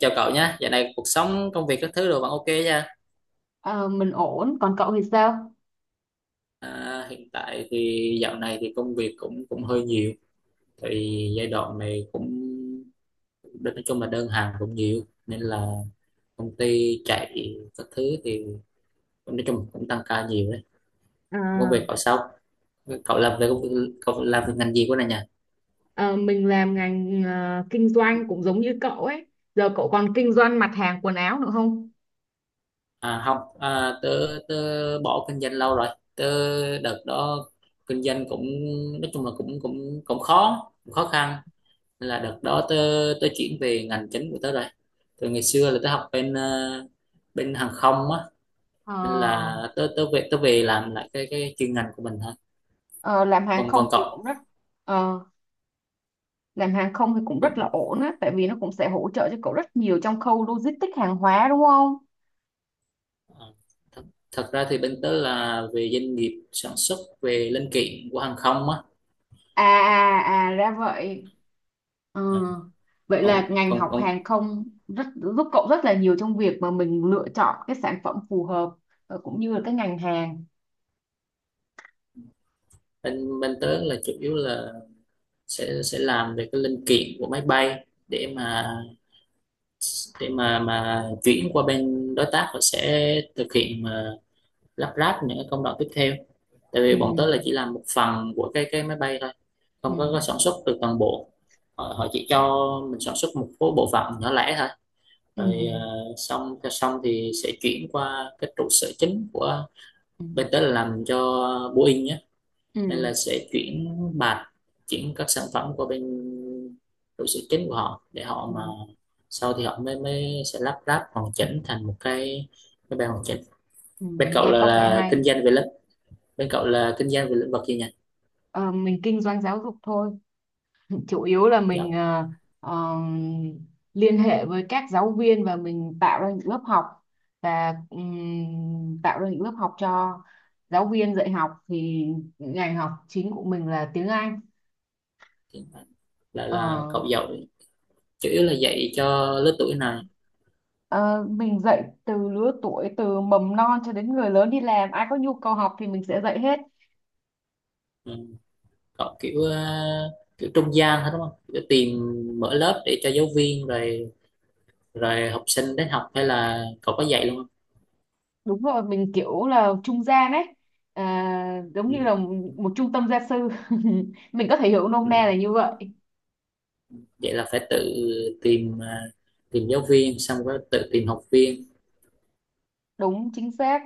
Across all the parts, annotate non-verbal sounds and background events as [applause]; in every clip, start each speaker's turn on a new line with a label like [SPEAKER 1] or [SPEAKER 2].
[SPEAKER 1] Chào cậu nhé, dạo này cuộc sống, công việc các thứ đều vẫn ok nha.
[SPEAKER 2] Ờ, mình ổn, còn cậu thì sao?
[SPEAKER 1] À, hiện tại thì dạo này thì công việc cũng cũng hơi nhiều, thì giai đoạn này cũng nói chung là đơn hàng cũng nhiều, nên là công ty chạy các thứ thì cũng nói chung cũng tăng ca nhiều đấy. Công việc
[SPEAKER 2] À,
[SPEAKER 1] cậu sao? Cậu làm về công việc, cậu làm về ngành gì của này nhỉ?
[SPEAKER 2] à, mình làm ngành kinh doanh cũng giống như cậu ấy. Giờ cậu còn kinh doanh mặt hàng quần áo nữa không?
[SPEAKER 1] À không, à, tớ tớ bỏ kinh doanh lâu rồi. Tớ đợt đó kinh doanh cũng nói chung là cũng cũng cũng khó khăn nên là đợt đó tớ tớ chuyển về ngành chính của tớ rồi, từ ngày xưa là tớ học bên bên hàng không á, nên
[SPEAKER 2] Ờ,
[SPEAKER 1] là tớ tớ về làm lại cái chuyên ngành của mình thôi.
[SPEAKER 2] Ờ,
[SPEAKER 1] còn còn cậu,
[SPEAKER 2] ờ, làm hàng không thì cũng rất là
[SPEAKER 1] cũng
[SPEAKER 2] ổn á, tại vì nó cũng sẽ hỗ trợ cho cậu rất nhiều trong khâu logistics hàng hóa đúng không?
[SPEAKER 1] ờ, thật, thật ra thì bên tớ là về doanh nghiệp sản xuất về linh kiện của hàng không á.
[SPEAKER 2] À à à ra vậy. Ờ,
[SPEAKER 1] Ờ,
[SPEAKER 2] vậy
[SPEAKER 1] còn
[SPEAKER 2] là ngành
[SPEAKER 1] còn
[SPEAKER 2] học
[SPEAKER 1] còn
[SPEAKER 2] hàng không rất giúp cậu rất là nhiều trong việc mà mình lựa chọn cái sản phẩm phù hợp, cũng như là cái ngành hàng.
[SPEAKER 1] bên bên tớ là chủ yếu là sẽ làm về cái linh kiện của máy bay để mà chuyển qua bên đối tác, họ sẽ thực hiện lắp ráp những cái công đoạn tiếp theo, tại
[SPEAKER 2] Ừ,
[SPEAKER 1] vì bọn tớ là chỉ làm một phần của cái máy bay thôi,
[SPEAKER 2] ừ,
[SPEAKER 1] không có sản xuất từ toàn bộ. Họ chỉ cho mình sản xuất một số bộ phận nhỏ lẻ thôi,
[SPEAKER 2] ừ,
[SPEAKER 1] rồi xong cho xong thì sẽ chuyển qua cái trụ sở chính của
[SPEAKER 2] ừ,
[SPEAKER 1] bên tớ là làm cho Boeing nhé, nên
[SPEAKER 2] ừ,
[SPEAKER 1] là sẽ chuyển các sản phẩm qua bên trụ sở chính của họ, để họ
[SPEAKER 2] ừ,
[SPEAKER 1] mà sau thì họ mới mới sẽ lắp ráp hoàn chỉnh thành một cái bài hoàn chỉnh.
[SPEAKER 2] ừ.
[SPEAKER 1] bên cậu
[SPEAKER 2] Nghe
[SPEAKER 1] là,
[SPEAKER 2] có vẻ
[SPEAKER 1] là
[SPEAKER 2] hay.
[SPEAKER 1] kinh doanh về Bên cậu là kinh doanh về lĩnh vực gì nhỉ?
[SPEAKER 2] Ờ, mình kinh doanh giáo dục thôi, chủ yếu là mình
[SPEAKER 1] Giáo
[SPEAKER 2] ờ, liên hệ với các giáo viên và mình tạo ra những lớp học, và tạo ra những lớp học cho giáo viên dạy học, thì ngành học chính của mình là tiếng Anh.
[SPEAKER 1] thì Là
[SPEAKER 2] Ờ,
[SPEAKER 1] cậu dạy chủ yếu là dạy cho lứa tuổi này?
[SPEAKER 2] ờ, mình dạy từ lứa tuổi từ mầm non cho đến người lớn đi làm, ai có nhu cầu học thì mình sẽ dạy hết.
[SPEAKER 1] Ừ. Cậu kiểu kiểu trung gian hết đúng không, kiểu tìm mở lớp để cho giáo viên rồi rồi học sinh đến học, hay là cậu có dạy luôn không?
[SPEAKER 2] Đúng rồi, mình kiểu là trung gian ấy, à, giống
[SPEAKER 1] Ừ.
[SPEAKER 2] như là một trung tâm gia sư [laughs] mình có thể hiểu nôm
[SPEAKER 1] Ừ.
[SPEAKER 2] na là như vậy.
[SPEAKER 1] Vậy là phải tự tìm tìm giáo viên xong rồi tự tìm học viên.
[SPEAKER 2] Đúng chính xác,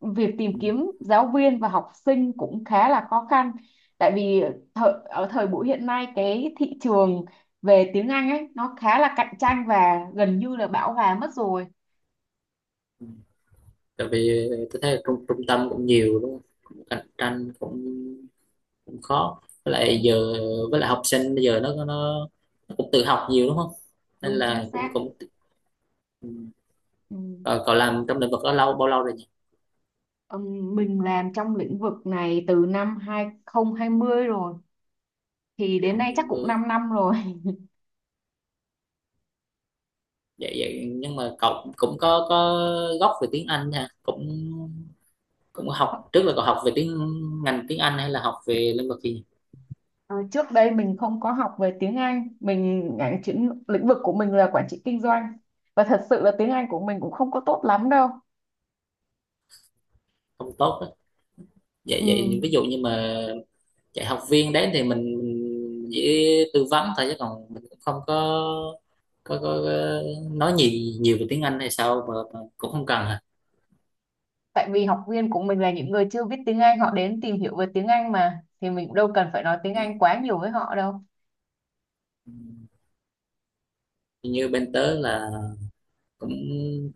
[SPEAKER 2] việc tìm
[SPEAKER 1] Ừ.
[SPEAKER 2] kiếm giáo viên và học sinh cũng khá là khó khăn, tại vì ở thời buổi hiện nay cái thị trường về tiếng Anh ấy nó khá là cạnh tranh và gần như là bão hòa mất rồi.
[SPEAKER 1] Ừ. Tại vì tôi thấy là trung trung tâm cũng nhiều đúng không, cũng cạnh tranh, cũng cũng khó, với lại
[SPEAKER 2] Đúng,
[SPEAKER 1] giờ với lại học sinh bây giờ nó cũng tự học nhiều đúng không, nên
[SPEAKER 2] đúng chính
[SPEAKER 1] là
[SPEAKER 2] xác.
[SPEAKER 1] cũng cũng ừ.
[SPEAKER 2] Ừ.
[SPEAKER 1] Ờ, cậu làm trong lĩnh vực đó lâu bao lâu rồi nhỉ?
[SPEAKER 2] Mình làm trong lĩnh vực này từ năm 2020 rồi, thì đến
[SPEAKER 1] Còn
[SPEAKER 2] nay
[SPEAKER 1] hai
[SPEAKER 2] chắc cũng
[SPEAKER 1] mươi.
[SPEAKER 2] 5 năm rồi
[SPEAKER 1] Vậy vậy nhưng mà cậu cũng cũng có gốc về tiếng Anh nha, cũng cũng học
[SPEAKER 2] [laughs]
[SPEAKER 1] trước, là cậu học về ngành tiếng Anh hay là học về lĩnh vực gì?
[SPEAKER 2] Ờ, trước đây mình không có học về tiếng Anh, mình ngành chuyên lĩnh vực của mình là quản trị kinh doanh, và thật sự là tiếng Anh của mình cũng không có tốt lắm đâu.
[SPEAKER 1] Không tốt đó. Vậy
[SPEAKER 2] Ừ,
[SPEAKER 1] vậy ví dụ như mà dạy học viên đấy thì mình chỉ tư vấn thôi, chứ còn mình cũng không có nói nhiều nhiều về tiếng Anh hay sao, mà cũng không cần hả?
[SPEAKER 2] tại vì học viên của mình là những người chưa biết tiếng Anh, họ đến tìm hiểu về tiếng Anh mà thì mình cũng đâu cần phải nói tiếng Anh quá nhiều với họ đâu.
[SPEAKER 1] Ừ. Như bên tớ là cũng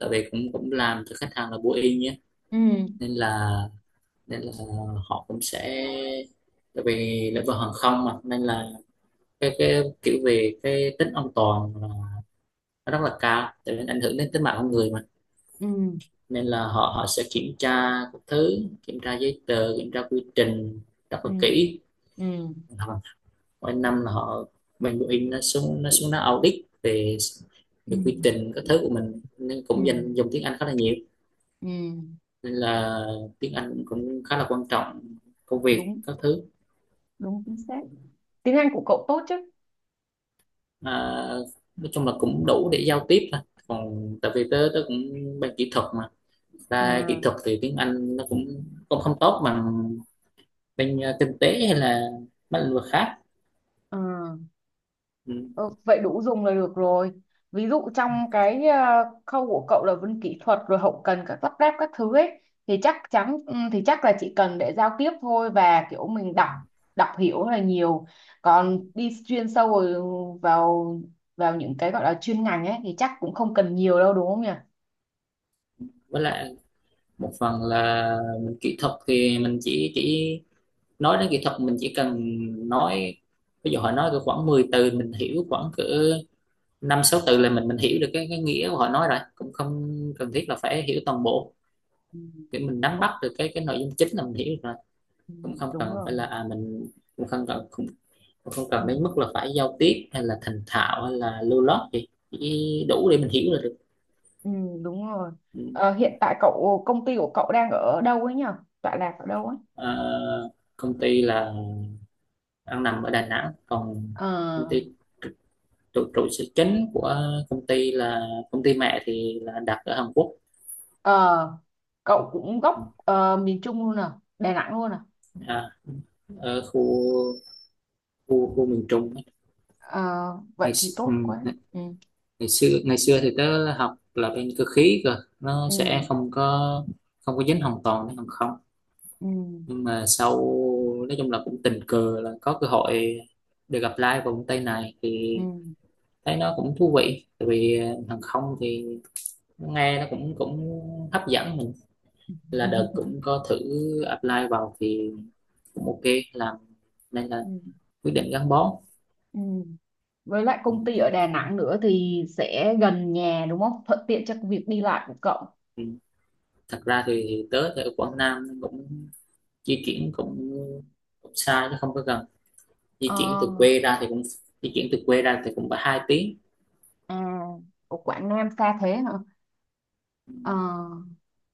[SPEAKER 1] tại vì cũng cũng làm cho khách hàng là bố y nhé,
[SPEAKER 2] Ừ,
[SPEAKER 1] nên là nên là họ cũng sẽ, tại vì lĩnh vực hàng không mà, nên là cái kiểu về cái tính an toàn là nó rất là cao, tại vì ảnh hưởng đến tính mạng con người mà,
[SPEAKER 2] ừ,
[SPEAKER 1] nên là họ họ sẽ kiểm tra các thứ, kiểm tra giấy tờ, kiểm tra quy trình rất là
[SPEAKER 2] ừ,
[SPEAKER 1] kỹ.
[SPEAKER 2] ừ,
[SPEAKER 1] Mỗi năm là họ bên Boeing nó xuống nó audit về
[SPEAKER 2] ừ,
[SPEAKER 1] về quy trình các thứ của mình, nên
[SPEAKER 2] ừ,
[SPEAKER 1] cũng dùng tiếng Anh khá là nhiều,
[SPEAKER 2] ừ.
[SPEAKER 1] nên là tiếng Anh cũng khá là quan trọng công việc
[SPEAKER 2] Đúng,
[SPEAKER 1] các thứ.
[SPEAKER 2] đúng chính xác. Tiếng Anh của cậu tốt chứ?
[SPEAKER 1] À, nói chung là cũng đủ để giao tiếp thôi, còn tại vì tớ tớ cũng bên kỹ thuật mà, ra kỹ
[SPEAKER 2] À.
[SPEAKER 1] thuật thì tiếng Anh nó cũng cũng không tốt bằng bên kinh tế hay là mấy lĩnh vực khác.
[SPEAKER 2] Ờ.
[SPEAKER 1] Ừ.
[SPEAKER 2] Ờ, vậy đủ dùng là được rồi. Ví dụ trong cái khâu của cậu là vân kỹ thuật rồi hậu cần các lắp ráp các thứ ấy, thì chắc chắn, thì chắc là chỉ cần để giao tiếp thôi và kiểu mình đọc đọc hiểu là nhiều. Còn đi chuyên sâu rồi vào vào những cái gọi là chuyên ngành ấy thì chắc cũng không cần nhiều đâu đúng không nhỉ?
[SPEAKER 1] Với lại một phần là mình kỹ thuật thì mình chỉ nói đến kỹ thuật, mình chỉ cần nói, ví dụ họ nói cỡ khoảng 10 từ mình hiểu khoảng cỡ năm sáu từ là mình hiểu được cái nghĩa của họ nói rồi, cũng không cần thiết là phải hiểu toàn bộ,
[SPEAKER 2] Ừ,
[SPEAKER 1] để mình nắm
[SPEAKER 2] ok,
[SPEAKER 1] bắt được cái nội dung chính là mình hiểu được rồi.
[SPEAKER 2] ừ,
[SPEAKER 1] Cũng không
[SPEAKER 2] đúng
[SPEAKER 1] cần
[SPEAKER 2] rồi.
[SPEAKER 1] phải là mình, cũng không cần cũng, cũng không
[SPEAKER 2] Ừ,
[SPEAKER 1] cần đến mức là phải giao tiếp hay là thành thạo hay là lưu loát gì, chỉ đủ để mình hiểu là được.
[SPEAKER 2] ừ, đúng rồi.
[SPEAKER 1] Ừ.
[SPEAKER 2] Ờ, hiện tại công ty của cậu đang ở đâu ấy nhỉ? Tọa lạc ở đâu ấy?
[SPEAKER 1] Ờ, công ty là đang nằm ở Đà Nẵng, còn
[SPEAKER 2] Ờ,
[SPEAKER 1] công ty trụ trụ sở chính của công ty là công ty mẹ thì là đặt ở Hàn Quốc.
[SPEAKER 2] Ờ, cậu cũng gốc miền Trung luôn à, Đà Nẵng luôn à.
[SPEAKER 1] À, ở khu khu khu miền Trung.
[SPEAKER 2] Ờ, vậy
[SPEAKER 1] ngày
[SPEAKER 2] thì
[SPEAKER 1] xưa,
[SPEAKER 2] tốt quá.
[SPEAKER 1] ngày,
[SPEAKER 2] Ừ,
[SPEAKER 1] ngày xưa ngày xưa thì tớ học là bên cơ khí nó
[SPEAKER 2] ừ,
[SPEAKER 1] sẽ không có dính hoàn toàn đến hàng không,
[SPEAKER 2] ừ,
[SPEAKER 1] nhưng mà sau nói chung là cũng tình cờ là có cơ hội được apply vào công ty này, thì
[SPEAKER 2] ừ
[SPEAKER 1] thấy nó cũng thú vị, tại vì hàng không thì nghe nó cũng cũng hấp dẫn, là đợt
[SPEAKER 2] [laughs]
[SPEAKER 1] cũng có thử apply vào thì cũng ok làm, nên là
[SPEAKER 2] ừ,
[SPEAKER 1] quyết định gắn bó.
[SPEAKER 2] ừ. Với lại công
[SPEAKER 1] Ừ.
[SPEAKER 2] ty ở Đà Nẵng nữa thì sẽ gần nhà đúng không? Thuận tiện cho việc đi lại của cậu.
[SPEAKER 1] Ừ. Thật ra thì tớ ở Quảng Nam cũng di chuyển cũng xa chứ không có gần, di
[SPEAKER 2] Ờ,
[SPEAKER 1] chuyển từ quê ra thì cũng di chuyển từ quê ra thì cũng phải 2 tiếng.
[SPEAKER 2] à, của Quảng Nam xa thế hả?
[SPEAKER 1] Ừ.
[SPEAKER 2] Ờ.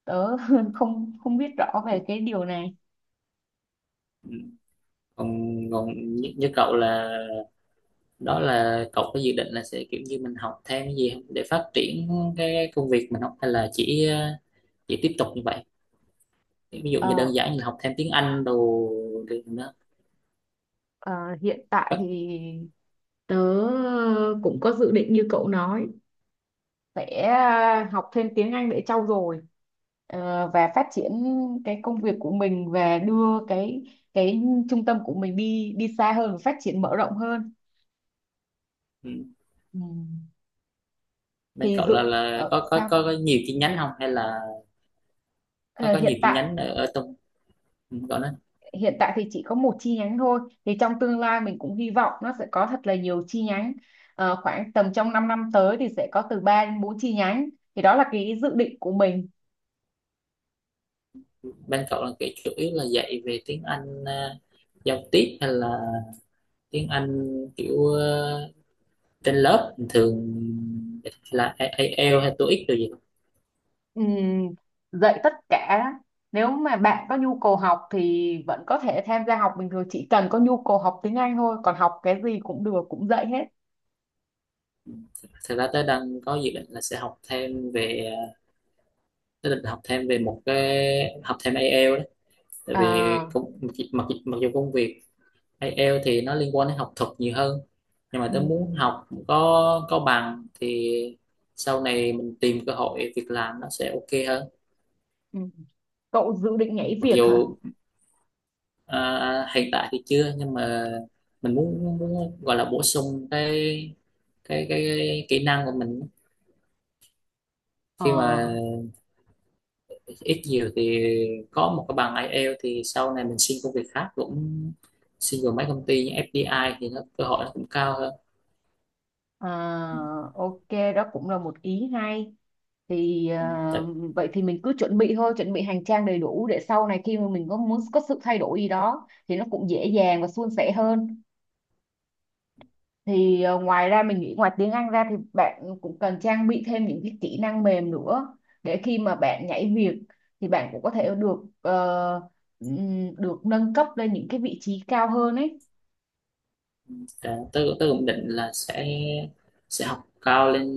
[SPEAKER 2] Tớ [laughs] không không biết rõ về cái điều này.
[SPEAKER 1] Ừ. còn còn như cậu là, đó là cậu có dự định là sẽ kiểu như mình học thêm cái gì không, để phát triển cái công việc mình học, hay là chỉ tiếp tục như vậy, ví dụ như
[SPEAKER 2] ờ
[SPEAKER 1] đơn giản như học thêm tiếng Anh đồ được nữa,
[SPEAKER 2] ờ, Hiện tại
[SPEAKER 1] có,
[SPEAKER 2] thì tớ cũng có dự định như cậu nói, sẽ học thêm tiếng Anh để trau dồi, và phát triển cái công việc của mình và đưa cái trung tâm của mình đi đi xa hơn, phát triển mở rộng hơn.
[SPEAKER 1] ừ,
[SPEAKER 2] Ừ.
[SPEAKER 1] bên
[SPEAKER 2] thì
[SPEAKER 1] cậu là
[SPEAKER 2] dự
[SPEAKER 1] là có có
[SPEAKER 2] Sao?
[SPEAKER 1] có, có nhiều chi nhánh không hay là có
[SPEAKER 2] Ờ,
[SPEAKER 1] có nhiều
[SPEAKER 2] hiện
[SPEAKER 1] chi
[SPEAKER 2] tại
[SPEAKER 1] nhánh ở trong, ừ, cậu nói,
[SPEAKER 2] hiện tại thì chỉ có một chi nhánh thôi, thì trong tương lai mình cũng hy vọng nó sẽ có thật là nhiều chi nhánh. Ờ, khoảng tầm trong 5 năm tới thì sẽ có từ 3 đến 4 chi nhánh, thì đó là cái dự định của mình.
[SPEAKER 1] bên cậu là kiểu chủ yếu là dạy về tiếng Anh giao tiếp hay là tiếng Anh kiểu trên lớp bình thường, hay là IELTS hay TOEIC rồi gì?
[SPEAKER 2] Ừm, dạy tất cả, nếu mà bạn có nhu cầu học thì vẫn có thể tham gia học bình thường, chỉ cần có nhu cầu học tiếng Anh thôi còn học cái gì cũng được, cũng dạy hết.
[SPEAKER 1] Ừ. Thật ra tớ đang có dự định là sẽ học thêm về tớ định học thêm về một cái, học thêm IELTS đấy, tại vì
[SPEAKER 2] À,
[SPEAKER 1] mặc dù công việc IELTS thì nó liên quan đến học thuật nhiều hơn, nhưng mà tớ
[SPEAKER 2] ừ,
[SPEAKER 1] muốn học có bằng thì sau này mình tìm cơ hội việc làm nó sẽ ok hơn.
[SPEAKER 2] ừ. Cậu dự định nhảy
[SPEAKER 1] Mặc
[SPEAKER 2] việc hả?
[SPEAKER 1] dù À, hiện tại thì chưa, nhưng mà mình muốn gọi là bổ sung cái kỹ năng của mình,
[SPEAKER 2] Ờ,
[SPEAKER 1] khi mà ít nhiều thì có một cái bằng IELTS thì sau này mình xin công việc khác cũng, xin vào mấy công ty như FDI thì nó cơ hội nó cũng cao hơn.
[SPEAKER 2] à, ok, đó cũng là một ý hay. Thì vậy thì mình cứ chuẩn bị thôi, chuẩn bị hành trang đầy đủ để sau này khi mà mình có muốn có sự thay đổi gì đó thì nó cũng dễ dàng và suôn sẻ hơn. Thì ngoài ra mình nghĩ ngoài tiếng Anh ra thì bạn cũng cần trang bị thêm những cái kỹ năng mềm nữa, để khi mà bạn nhảy việc thì bạn cũng có thể ờ, được nâng cấp lên những cái vị trí cao hơn ấy.
[SPEAKER 1] Dạ, tôi cũng định là sẽ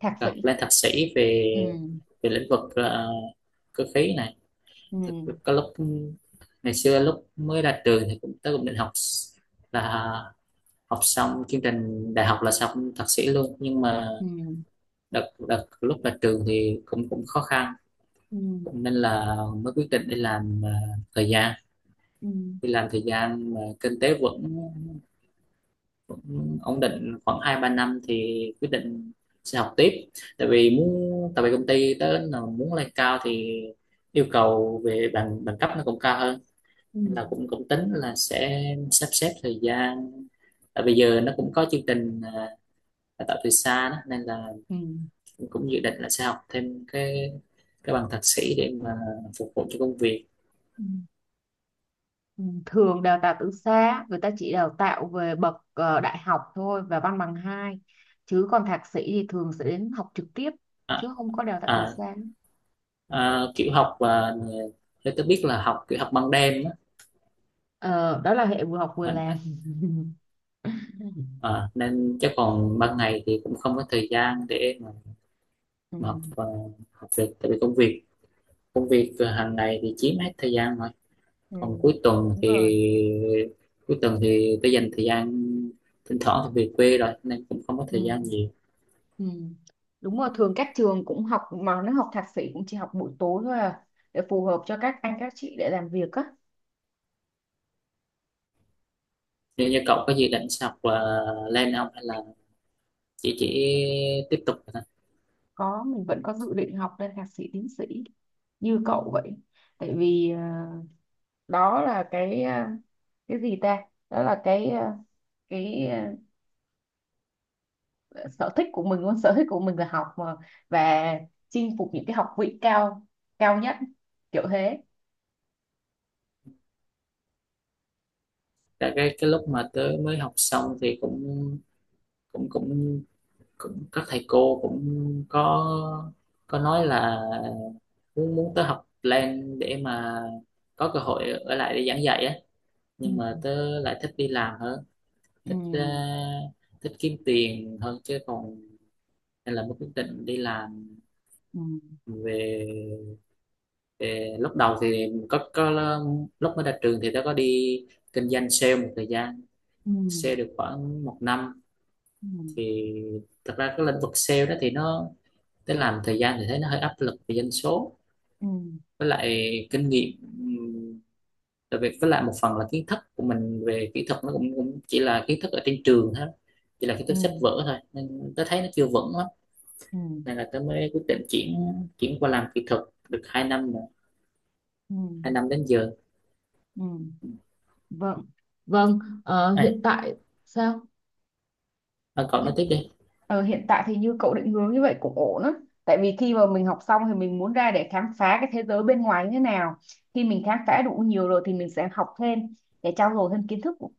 [SPEAKER 2] Thạc sĩ.
[SPEAKER 1] học lên thạc sĩ về
[SPEAKER 2] Ừ,
[SPEAKER 1] về lĩnh vực cơ khí này.
[SPEAKER 2] ừ,
[SPEAKER 1] Thật- có lúc ngày xưa, lúc mới ra trường thì cũng tôi cũng định là học xong chương trình đại học là xong thạc sĩ luôn, nhưng mà
[SPEAKER 2] ừ,
[SPEAKER 1] đợt đợt lúc ra trường thì cũng cũng khó khăn
[SPEAKER 2] ừ,
[SPEAKER 1] cũng, nên là mới quyết định đi làm thời gian,
[SPEAKER 2] ừ,
[SPEAKER 1] đi làm thời gian mà kinh tế vững cũng ổn định khoảng 2, 3 năm thì quyết định sẽ học tiếp. Tại vì công ty tới là muốn lên cao thì yêu cầu về bằng bằng cấp nó cũng cao hơn,
[SPEAKER 2] ừ,
[SPEAKER 1] nên là cũng cũng tính là sẽ sắp xếp thời gian, tại bây giờ nó cũng có chương trình đào tạo từ xa đó, nên là
[SPEAKER 2] ừ,
[SPEAKER 1] cũng cũng dự định là sẽ học thêm cái bằng thạc sĩ để mà phục vụ cho công việc.
[SPEAKER 2] ừ, ừ, Thường đào tạo từ xa người ta chỉ đào tạo về bậc đại học thôi và văn bằng hai, chứ còn thạc sĩ thì thường sẽ đến học trực tiếp,
[SPEAKER 1] À,
[SPEAKER 2] chứ không có đào tạo từ
[SPEAKER 1] à,
[SPEAKER 2] xa.
[SPEAKER 1] à, kiểu học và theo tôi biết là học kiểu học ban đêm
[SPEAKER 2] Ờ, đó là hệ vừa học vừa làm
[SPEAKER 1] á.
[SPEAKER 2] [laughs]
[SPEAKER 1] Ờ, nên chắc còn ban ngày thì cũng không có thời gian để mà,
[SPEAKER 2] ừ.
[SPEAKER 1] mà học, học việc, tại vì công việc hàng ngày thì chiếm hết thời gian rồi,
[SPEAKER 2] Ừ.
[SPEAKER 1] còn
[SPEAKER 2] Đúng rồi.
[SPEAKER 1] cuối tuần thì tôi dành thời gian, thỉnh thoảng thì về quê rồi nên cũng không có
[SPEAKER 2] Ừ.
[SPEAKER 1] thời gian nhiều.
[SPEAKER 2] Ừ. Đúng rồi, thường các trường cũng học mà nó học thạc sĩ cũng chỉ học buổi tối thôi à, để phù hợp cho các anh các chị để làm việc á.
[SPEAKER 1] Nếu như cậu có dự định sẽ học là lên không, hay là chỉ tiếp tục thôi?
[SPEAKER 2] Có, mình vẫn có dự định học lên thạc sĩ tiến sĩ như cậu vậy. Tại vì đó là cái cái gì ta? Đó là cái sở thích của mình luôn, sở thích của mình là học mà, và chinh phục những cái học vị cao cao nhất kiểu thế.
[SPEAKER 1] Tại cái lúc mà tớ mới học xong thì cũng cũng cũng cũng các thầy cô cũng có có nói là muốn muốn tớ học lên để mà có cơ hội ở lại để giảng dạy á,
[SPEAKER 2] Ừ,
[SPEAKER 1] nhưng mà tớ lại thích đi làm hơn,
[SPEAKER 2] ừ,
[SPEAKER 1] thích ờ, thích kiếm tiền hơn chứ còn, nên là mới quyết định đi làm.
[SPEAKER 2] ừ,
[SPEAKER 1] Về, về lúc đầu thì mình có lúc mới ra trường thì tớ có đi kinh doanh sale một thời gian,
[SPEAKER 2] ừ,
[SPEAKER 1] sale được khoảng một năm
[SPEAKER 2] ừ,
[SPEAKER 1] thì, thật ra cái lĩnh vực sale đó thì nó, thế làm thời gian thì thấy nó hơi áp lực về dân số,
[SPEAKER 2] ừ,
[SPEAKER 1] với lại kinh nghiệm, ừm, tại vì với lại một phần là kiến thức của mình về kỹ thuật nó cũng chỉ là kiến thức ở trên trường thôi, chỉ là kiến thức
[SPEAKER 2] ừ,
[SPEAKER 1] sách vở thôi nên tôi thấy nó chưa vững lắm,
[SPEAKER 2] ừ,
[SPEAKER 1] nên là tôi mới quyết định chuyển, qua làm kỹ thuật được 2 năm rồi,
[SPEAKER 2] ừ,
[SPEAKER 1] 2 năm đến giờ
[SPEAKER 2] ừ. Vâng, vâng,
[SPEAKER 1] này.
[SPEAKER 2] hiện tại sao?
[SPEAKER 1] À, cậu nói
[SPEAKER 2] Hiện-
[SPEAKER 1] tiếp đi.
[SPEAKER 2] Ờ, hiện tại thì như cậu định hướng như vậy cũng ổn á. Tại vì khi mà mình học xong thì mình muốn ra để khám phá cái thế giới bên ngoài như thế nào. Khi mình khám phá đủ nhiều rồi thì mình sẽ học thêm để trau dồi thêm kiến thức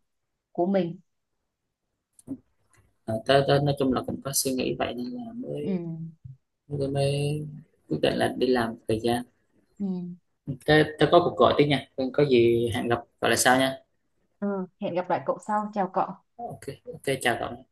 [SPEAKER 2] của mình.
[SPEAKER 1] À, tôi nói chung là cũng có suy nghĩ vậy, nên là
[SPEAKER 2] Ừ,
[SPEAKER 1] mới mới, mới quyết định là đi làm thời gian.
[SPEAKER 2] ừ.
[SPEAKER 1] Tôi có cuộc gọi tiếp nha, có gì hẹn gặp gọi là sau nha.
[SPEAKER 2] Ừ, hẹn gặp lại cậu sau. Chào cậu.
[SPEAKER 1] Ok. Ok, chào cậu.